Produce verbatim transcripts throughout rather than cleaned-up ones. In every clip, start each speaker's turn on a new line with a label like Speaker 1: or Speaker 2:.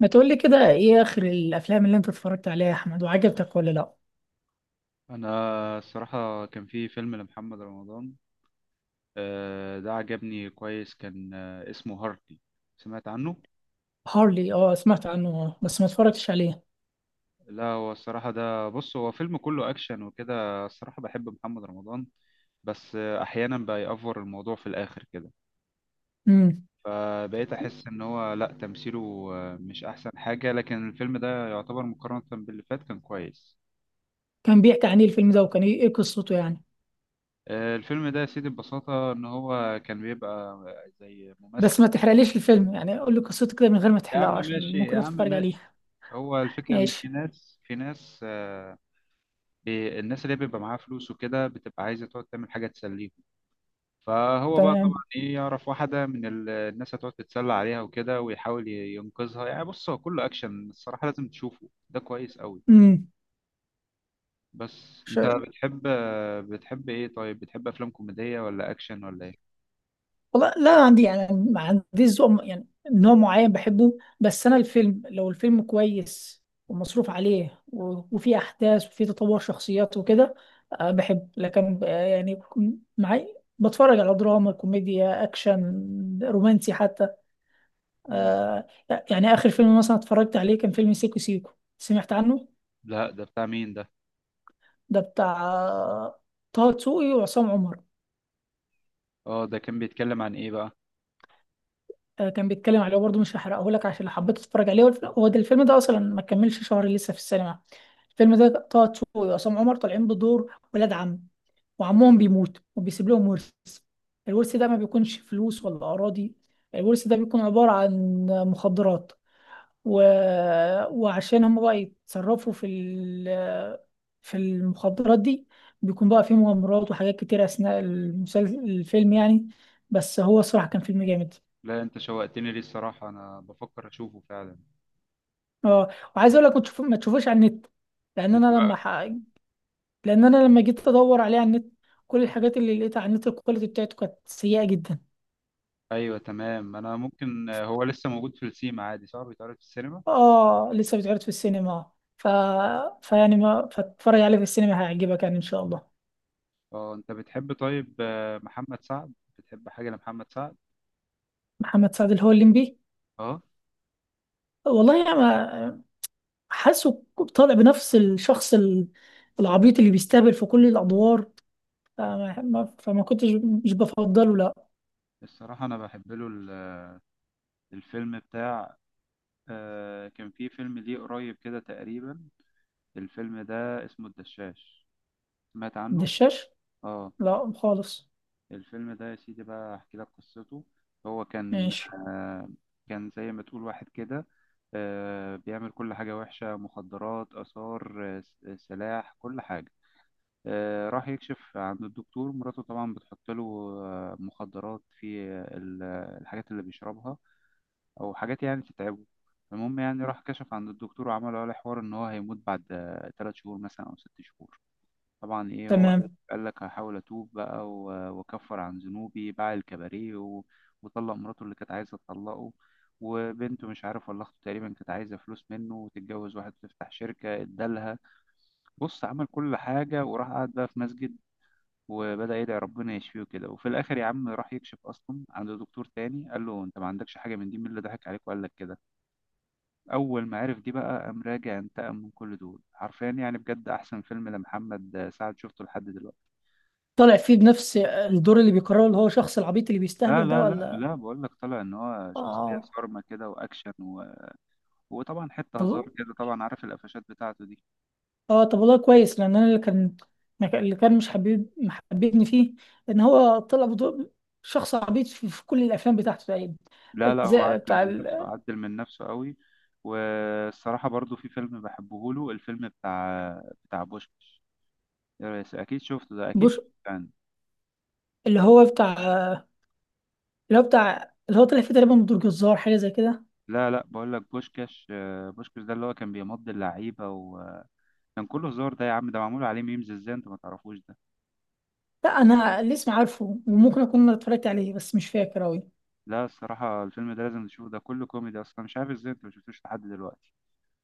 Speaker 1: ما تقولي كده، ايه اخر الافلام اللي انت اتفرجت عليها يا احمد وعجبتك ولا لا؟
Speaker 2: انا الصراحه كان في فيلم لمحمد رمضان. آه، ده عجبني كويس. كان آه، اسمه هارتي. سمعت عنه.
Speaker 1: هارلي، اه سمعت عنه، آه، بس ما اتفرجتش عليه.
Speaker 2: لا، هو الصراحه ده، بص، هو فيلم كله اكشن وكده. الصراحه بحب محمد رمضان. بس آه، احيانا بيأفور الموضوع في الاخر كده.
Speaker 1: امم.
Speaker 2: فبقيت احس ان هو لا تمثيله آه، مش احسن حاجه، لكن الفيلم ده يعتبر مقارنه باللي فات كان كويس.
Speaker 1: كان بيحكي عن ايه الفيلم ده؟ وكان ايه إيه قصته يعني؟
Speaker 2: آه، الفيلم ده يا سيدي ببساطة إن هو كان بيبقى زي
Speaker 1: بس
Speaker 2: ممثل.
Speaker 1: ما تحرقليش الفيلم يعني، قول لي قصته كده من غير ما
Speaker 2: يا
Speaker 1: تحرقه
Speaker 2: عم
Speaker 1: عشان
Speaker 2: ماشي، يا
Speaker 1: ممكن
Speaker 2: عم
Speaker 1: اتفرج
Speaker 2: ماشي.
Speaker 1: عليه.
Speaker 2: هو الفكرة إن في
Speaker 1: ماشي.
Speaker 2: ناس في ناس آه، بي- الناس اللي بيبقى معاها فلوس وكده بتبقى عايزة تقعد تعمل حاجة تسليهم. فهو بقى طبعا
Speaker 1: تمام.
Speaker 2: إيه، يعرف واحدة من ال- الناس، هتقعد تتسلى عليها وكده، ويحاول ي- ينقذها. يعني بص، هو كله أكشن الصراحة، لازم تشوفه، ده كويس أوي.
Speaker 1: امم.
Speaker 2: بس أنت بتحب آه، بتحب إيه؟ طيب، بتحب أفلام كوميدية ولا أكشن ولا إيه؟
Speaker 1: والله لا، أنا عندي يعني ما عنديش ذوق يعني نوع معين بحبه. بس انا الفيلم، لو الفيلم كويس ومصروف عليه و- وفيه احداث وفيه تطور شخصيات وكده، آه، بحب، لكن آه، يعني بكون معي بتفرج على دراما كوميديا اكشن رومانسي حتى.
Speaker 2: مم.
Speaker 1: آه، يعني اخر فيلم مثلا اتفرجت عليه كان فيلم سيكو سيكو. سمعت عنه؟
Speaker 2: لا، ده بتاع مين ده؟
Speaker 1: ده بتاع آه، طه دسوقي وعصام عمر.
Speaker 2: اه، ده كان بيتكلم عن إيه بقى؟
Speaker 1: آه، كان بيتكلم عليه برضه، مش هحرقه لك عشان لو حبيت تتفرج عليه والف- هو ده الفيلم ده اصلا ما كملش شهر لسه في السينما. الفيلم ده طه دسوقي وعصام عمر طالعين بدور ولاد عم، وعمهم بيموت وبيسيب لهم ورث. الورث ده ما بيكونش فلوس ولا اراضي، الورث ده بيكون عبارة عن مخدرات و... وعشان هم بقى يتصرفوا في ال... في المخدرات دي، بيكون بقى فيه مغامرات وحاجات كتير اثناء المسلسل الفيلم يعني. بس هو الصراحة كان فيلم جامد.
Speaker 2: لا، أنت شوقتني. ليه الصراحة أنا بفكر أشوفه فعلا.
Speaker 1: اه. وعايز اقول لك ما تشوف- ما تشوفوش على النت لان
Speaker 2: ليه
Speaker 1: انا لما
Speaker 2: بقى؟
Speaker 1: ح... لان انا لما جيت ادور عليه على النت، كل الحاجات اللي لقيتها على النت الكواليتي بتاعته كانت سيئه جدا.
Speaker 2: ايوه، تمام، انا ممكن آه، هو لسه موجود في السينما عادي، صح؟ بيتعرض في السينما.
Speaker 1: اه، لسه بتعرض في السينما. ف فيعني ما فاتفرج عليه في السينما هيعجبك يعني ان شاء الله.
Speaker 2: اه، انت بتحب طيب آه، محمد سعد؟ بتحب حاجه لمحمد سعد؟
Speaker 1: محمد سعد اللي هو الليمبي؟
Speaker 2: اه.
Speaker 1: والله يا ما، حاسه طالع بنفس الشخص ال- العبيط اللي بيستهبل في كل الادوار. فما, ما- فما كنتش، مش بفضله، لا.
Speaker 2: الصراحه انا بحب له ال- الفيلم بتاع. آه، كان في فيلم ليه قريب كده تقريبا. الفيلم ده اسمه الدشاش. سمعت عنه.
Speaker 1: الدشاش؟
Speaker 2: اه.
Speaker 1: لا خالص.
Speaker 2: الفيلم ده يا سيدي بقى، احكي لك قصته. هو كان
Speaker 1: ماشي.
Speaker 2: آه، كان زي ما تقول واحد كده، آه، بيعمل كل حاجة وحشة: مخدرات، آثار، آه، س- سلاح، كل حاجة. آه، راح يكشف عند الدكتور. مراته طبعا بتحط له آه، مخدرات في ال- الحاجات اللي بيشربها، أو حاجات يعني تتعبه. المهم يعني راح كشف عند الدكتور، وعمل عليه حوار إن هو هيموت بعد آه، تلات شهور مثلا أو ست شهور. طبعا ايه هو
Speaker 1: تمام.
Speaker 2: قال لك: هحاول اتوب بقى و- واكفر عن ذنوبي. باع الكباريه و- وطلق مراته اللي كانت عايزه تطلقه. وبنته مش عارف ولا اخته تقريبا كانت عايزه فلوس منه وتتجوز واحد، تفتح شركه ادالها. بص، عمل كل حاجه، وراح قعد بقى في مسجد وبدأ يدعي ربنا يشفيه كده. وفي الاخر يا عم راح يكشف اصلا عند دكتور تاني، قال له: انت ما عندكش حاجه من دي، مين اللي ضحك عليك وقال لك كده؟ اول ما عرف دي بقى قام راجع انتقم من كل دول حرفيا. يعني بجد احسن فيلم لمحمد سعد شفته لحد دلوقتي.
Speaker 1: طالع فيه بنفس الدور اللي بيكرره، اللي هو شخص العبيط اللي
Speaker 2: لا
Speaker 1: بيستهبل ده
Speaker 2: لا لا
Speaker 1: ولا؟
Speaker 2: لا، بقول لك طلع ان هو
Speaker 1: اه،
Speaker 2: شخصيه
Speaker 1: آه.
Speaker 2: صارمه كده، واكشن و... وطبعا حته هزار
Speaker 1: طب.
Speaker 2: كده. طبعا عارف القفشات بتاعته دي.
Speaker 1: اه، طب والله كويس، لان انا اللي كان، اللي كان مش حبيب محببني فيه ان هو طلع بدور شخص عبيط في, في كل الافلام بتاعته تقريبا.
Speaker 2: لا لا، هو
Speaker 1: زي
Speaker 2: عدل
Speaker 1: بتاع
Speaker 2: من نفسه،
Speaker 1: ال-
Speaker 2: عدل من نفسه قوي. والصراحه برضو في فيلم بحبه له، الفيلم بتاع بتاع بوشكاش. يا ريس، اكيد شفته ده، اكيد
Speaker 1: بوش
Speaker 2: شفته يعني.
Speaker 1: اللي هو بتاع، اللي هو بتاع اللي هو طلع فيه تقريبا بدور جزار، حاجه زي كده.
Speaker 2: لا لا، بقول لك بوشكاش آه، بوشكاش. ده اللي هو كان بيمضي اللعيبه، وكان كله هزار. ده يا عم ده معمول عليه ميمز، ازاي انت ما تعرفوش ده؟
Speaker 1: لا، انا الاسم عارفه وممكن اكون اتفرجت عليه بس مش فاكر اوي.
Speaker 2: لا، الصراحه الفيلم ده لازم تشوفه، ده كله كوميدي اصلا. مش عارف ازاي انت ما شفتوش لحد دلوقتي.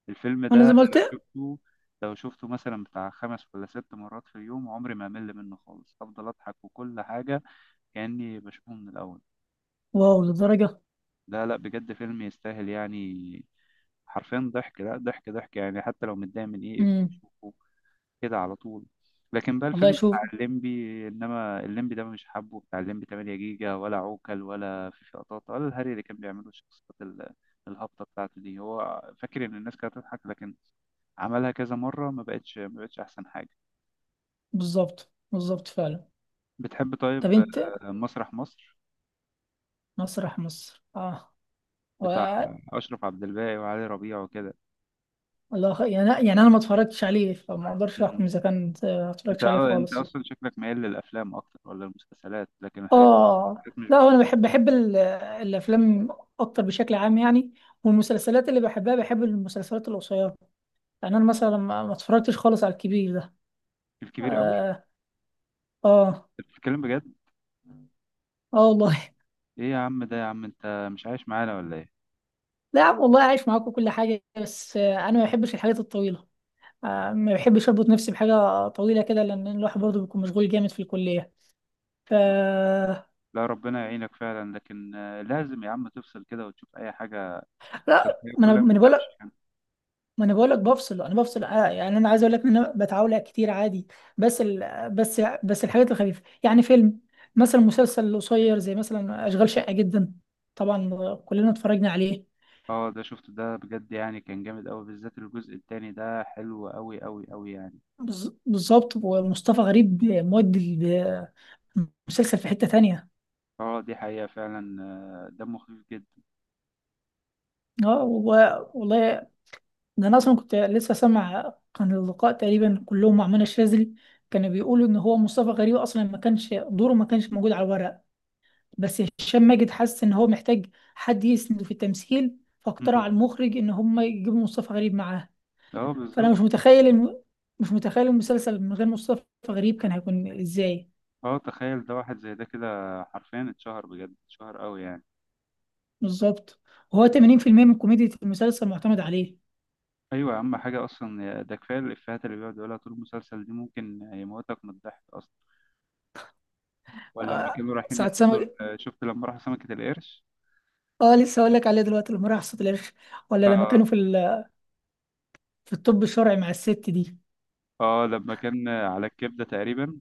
Speaker 2: الفيلم ده
Speaker 1: انا زي ما
Speaker 2: انا لو
Speaker 1: قلت.
Speaker 2: شفته لو شفته مثلا بتاع خمس ولا ست مرات في اليوم، عمري ما امل منه خالص، افضل اضحك وكل حاجه كاني بشوفه من الاول.
Speaker 1: واو، للدرجه؟
Speaker 2: لا لا، بجد فيلم يستاهل يعني. حرفيا ضحك، لا ضحك ضحك يعني. حتى لو متضايق من ايه، ادخل
Speaker 1: امم.
Speaker 2: شوفه كده على طول. لكن بقى
Speaker 1: والله
Speaker 2: الفيلم
Speaker 1: شوف.
Speaker 2: بتاع الليمبي. انما الليمبي ده مش حابه، بتاع الليمبي ثمانية جيجا ولا عوكل ولا في قطاطا ولا الهري اللي كان بيعمله، الشخصيات ال- الهابطه بتاعته دي. هو فاكر ان الناس كانت هتضحك، لكن عملها كذا مره، ما بقتش ما بقتش احسن حاجه.
Speaker 1: بالظبط بالظبط فعلا.
Speaker 2: بتحب
Speaker 1: طب
Speaker 2: طيب
Speaker 1: انت،
Speaker 2: آه، مسرح مصر
Speaker 1: مسرح مصر؟ اه. و
Speaker 2: بتاع اشرف عبد الباقي وعلي ربيع وكده؟
Speaker 1: والله- خ- يعني يعني انا ما اتفرجتش عليه فما اقدرش
Speaker 2: مم.
Speaker 1: احكم اذا كان، آه، ما
Speaker 2: انت
Speaker 1: اتفرجتش عليه
Speaker 2: آه، انت
Speaker 1: خالص.
Speaker 2: اصلا شكلك ميال للافلام اكتر ولا المسلسلات، لكن الحاجات دي
Speaker 1: اه،
Speaker 2: كانت مش.
Speaker 1: لا هو انا بحب بحب ال- الافلام اكتر بشكل عام يعني، والمسلسلات اللي بحبها بحب المسلسلات القصيره. يعني انا مثلا ما ما اتفرجتش خالص على الكبير ده.
Speaker 2: في الكبير قوي؟
Speaker 1: اه. اه.
Speaker 2: انت بتتكلم بجد؟
Speaker 1: اه والله.
Speaker 2: ايه يا عم ده، يا عم انت مش عايش معانا ولا ايه؟
Speaker 1: لا يا عم، والله عايش معاكم كل حاجه، بس آه، انا ما بحبش الحاجات الطويله، آه، ما بحبش اربط نفسي بحاجه طويله كده لان الواحد برضه بيكون مشغول جامد في الكليه. ف
Speaker 2: لا، ربنا يعينك فعلا. لكن آه، لازم يا عم تفصل كده وتشوف اي حاجه.
Speaker 1: لا،
Speaker 2: الحياه
Speaker 1: ما انا
Speaker 2: كلها
Speaker 1: ما
Speaker 2: مش
Speaker 1: انا بقول لك،
Speaker 2: قفش يعني.
Speaker 1: ما انا بقول لك بفصل، انا بفصل، آه، يعني انا عايز اقول لك ان انا بتعاول كتير عادي. بس ال... بس بس الحاجات الخفيفه، يعني فيلم مثلا، مسلسل قصير زي مثلا اشغال شقه جدا. طبعا كلنا اتفرجنا عليه.
Speaker 2: اه، ده شفت ده بجد. يعني كان جامد قوي، بالذات الجزء التاني ده حلو قوي قوي قوي يعني.
Speaker 1: بز- بالظبط، ومصطفى غريب مودي ال- المسلسل في حته تانية.
Speaker 2: اه، دي حقيقه فعلا. آه، دمه خفيف جدا.
Speaker 1: اه، و- والله. ده انا اصلا كنت لسه سامع، كان اللقاء تقريبا كلهم مع منى الشاذلي، كانوا بيقولوا ان هو مصطفى غريب اصلا ما كانش دوره، ما كانش موجود على الورق. بس هشام ماجد حس ان هو محتاج حد يسنده في التمثيل، فاقترح
Speaker 2: م-م.
Speaker 1: على المخرج ان هم يجيبوا مصطفى غريب معاه.
Speaker 2: اه،
Speaker 1: فانا
Speaker 2: بالظبط.
Speaker 1: مش متخيل الم... مش متخيل المسلسل من غير مصطفى غريب، كان هيكون ازاي.
Speaker 2: اه، تخيل ده، واحد زي ده كده حرفيا اتشهر. بجد اتشهر قوي يعني.
Speaker 1: بالظبط. وهو ثمانين بالمئة من كوميديا المسلسل معتمد عليه.
Speaker 2: ايوه يا عم، حاجه اصلا، ده كفايه الافيهات اللي بيقعد يقولها طول المسلسل دي ممكن يموتك من الضحك. ولا لما
Speaker 1: آه،
Speaker 2: كانوا رايحين
Speaker 1: سعد
Speaker 2: يصطادوا
Speaker 1: سمك.
Speaker 2: ال- شفت لما راحوا سمكة القرش؟
Speaker 1: اه، لسه هقول لك عليه دلوقتي، لما راح صوت الاخر. ولا لما كانوا في ال... في الطب الشرعي مع الست دي.
Speaker 2: اه لما كان على الكبدة تقريبا.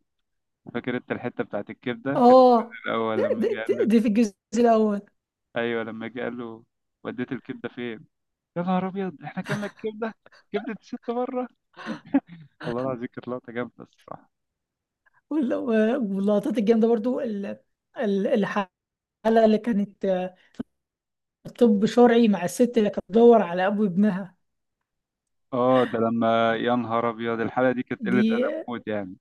Speaker 2: فاكر انت الحتة بتاعت الكبدة؟ كانت في
Speaker 1: اه،
Speaker 2: الجزء
Speaker 1: دي,
Speaker 2: الأول، لما
Speaker 1: دي,
Speaker 2: جه
Speaker 1: دي
Speaker 2: قال له.
Speaker 1: دي في الجزء الاول.
Speaker 2: أيوه، لما جه قال له: وديت الكبدة فين؟ يا نهار أبيض، احنا كلنا الكبدة. كبدة الست بره، الله العظيم، كانت لقطة جامدة الصراحة.
Speaker 1: وال- واللقطات الجامده برضو ال- ال- الحلقه اللي كانت طب شرعي مع الست اللي كانت بتدور على ابو ابنها،
Speaker 2: اه، ده لما يا نهار أبيض، الحلقة دي كانت قلة
Speaker 1: دي
Speaker 2: أدب موت يعني.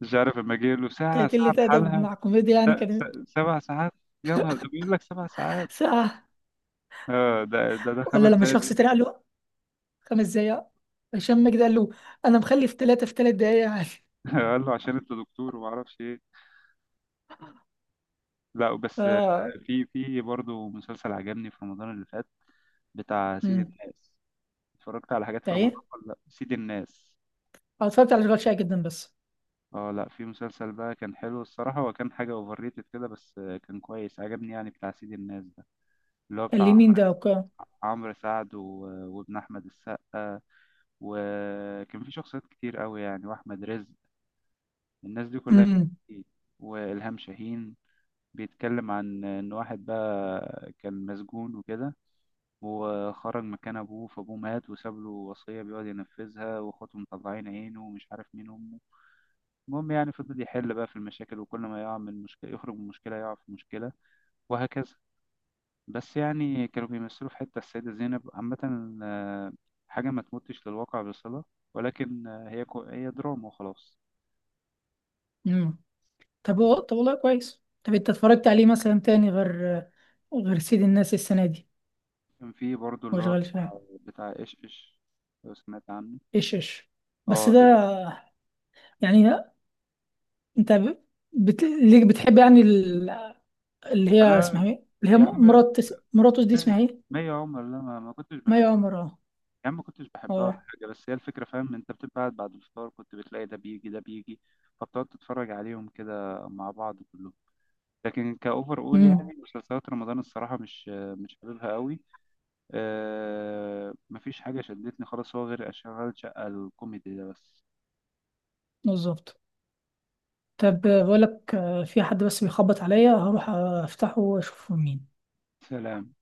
Speaker 2: مش عارف، لما جه له ساعة
Speaker 1: كانت
Speaker 2: ساعة
Speaker 1: قلة ادب
Speaker 2: بحالها.
Speaker 1: مع كوميديا يعني،
Speaker 2: س-
Speaker 1: كانت
Speaker 2: س- سبع ساعات، يا نهار، ده بيقول لك سبع ساعات.
Speaker 1: ساعة.
Speaker 2: اه ده ده ده
Speaker 1: ولا
Speaker 2: خمس
Speaker 1: لما شخص
Speaker 2: دقايق
Speaker 1: اتريق له، خمس دقايق. هشام ماجد قال له، انا مخلف ثلاثة في ثلاث دقايق عادي.
Speaker 2: قال له عشان انت دكتور وما اعرفش ايه. لا بس،
Speaker 1: اه.
Speaker 2: في في برضه مسلسل عجبني في رمضان اللي فات، بتاع سيد
Speaker 1: امم.
Speaker 2: الناس. اتفرجت على حاجات
Speaker 1: ده
Speaker 2: في رمضان
Speaker 1: ايه؟
Speaker 2: ولا لا؟ سيد الناس.
Speaker 1: أنا اتفرجت على اشغال شاقة جدا بس.
Speaker 2: اه، لا في مسلسل بقى كان حلو الصراحة، وكان حاجة اوفر ريتد كده، بس كان كويس عجبني يعني، بتاع سيد الناس ده، اللي هو
Speaker 1: قال
Speaker 2: بتاع
Speaker 1: لي مين
Speaker 2: عمرو
Speaker 1: ده وكا
Speaker 2: عمرو سعد و... وابن احمد السقا، وكان في شخصيات كتير قوي يعني، واحمد رزق. الناس دي كلها كانت
Speaker 1: امم.
Speaker 2: كتير. والهام شاهين. بيتكلم عن إن واحد بقى كان مسجون وكده، وخرج مكان أبوه، فأبوه مات وساب له وصية بيقعد ينفذها، وأخواته مطلعين عينه، ومش عارف مين أمه. المهم يعني فضل يحل بقى في المشاكل، وكل ما يقع من مشكلة يخرج من مشكلة يقع في مشكلة، وهكذا. بس يعني كانوا بيمثلوا في حتة السيدة زينب عامة. آه، حاجة ما تمتش للواقع بصلة، ولكن آه، هي كو... هي دراما وخلاص.
Speaker 1: امم. طب هو- طب والله كويس، طب انت اتفرجت عليه مثلا تاني غير غير سيد الناس السنة دي؟
Speaker 2: كان في برضو اللي هو
Speaker 1: واشغال شاقة؟
Speaker 2: بتاع إيش إيش، لو سمعت عنه.
Speaker 1: ايش ايش. بس
Speaker 2: اه.
Speaker 1: ده، يعني انت ب- بت... ليه بتحب يعني ال- اللي هي اسمها
Speaker 2: انا
Speaker 1: ايه، اللي هي
Speaker 2: يا
Speaker 1: م-
Speaker 2: عم
Speaker 1: مرات مراتوس دي
Speaker 2: ما
Speaker 1: اسمها ايه؟
Speaker 2: ما يا عمر، لا، ما, ما كنتش
Speaker 1: مي
Speaker 2: بحبها.
Speaker 1: عمر؟ اه.
Speaker 2: يا عم ما كنتش بحبها ولا
Speaker 1: اه.
Speaker 2: حاجه، بس هي الفكره، فاهم انت، بتبقى قاعد بعد الفطار كنت بتلاقي ده بيجي ده بيجي. فبتقعد تتفرج عليهم كده مع بعض كلهم. لكن كاوفر اول
Speaker 1: امم.
Speaker 2: يعني مسلسلات رمضان الصراحه مش مش حاببها قوي. أه، مفيش حاجه شدتني خالص هو غير اشغال شقه الكوميدي ده بس.
Speaker 1: بالظبط. طب بقول لك، آه، في حد بس بيخبط عليا، هروح افتحه واشوفه مين.
Speaker 2: سلام.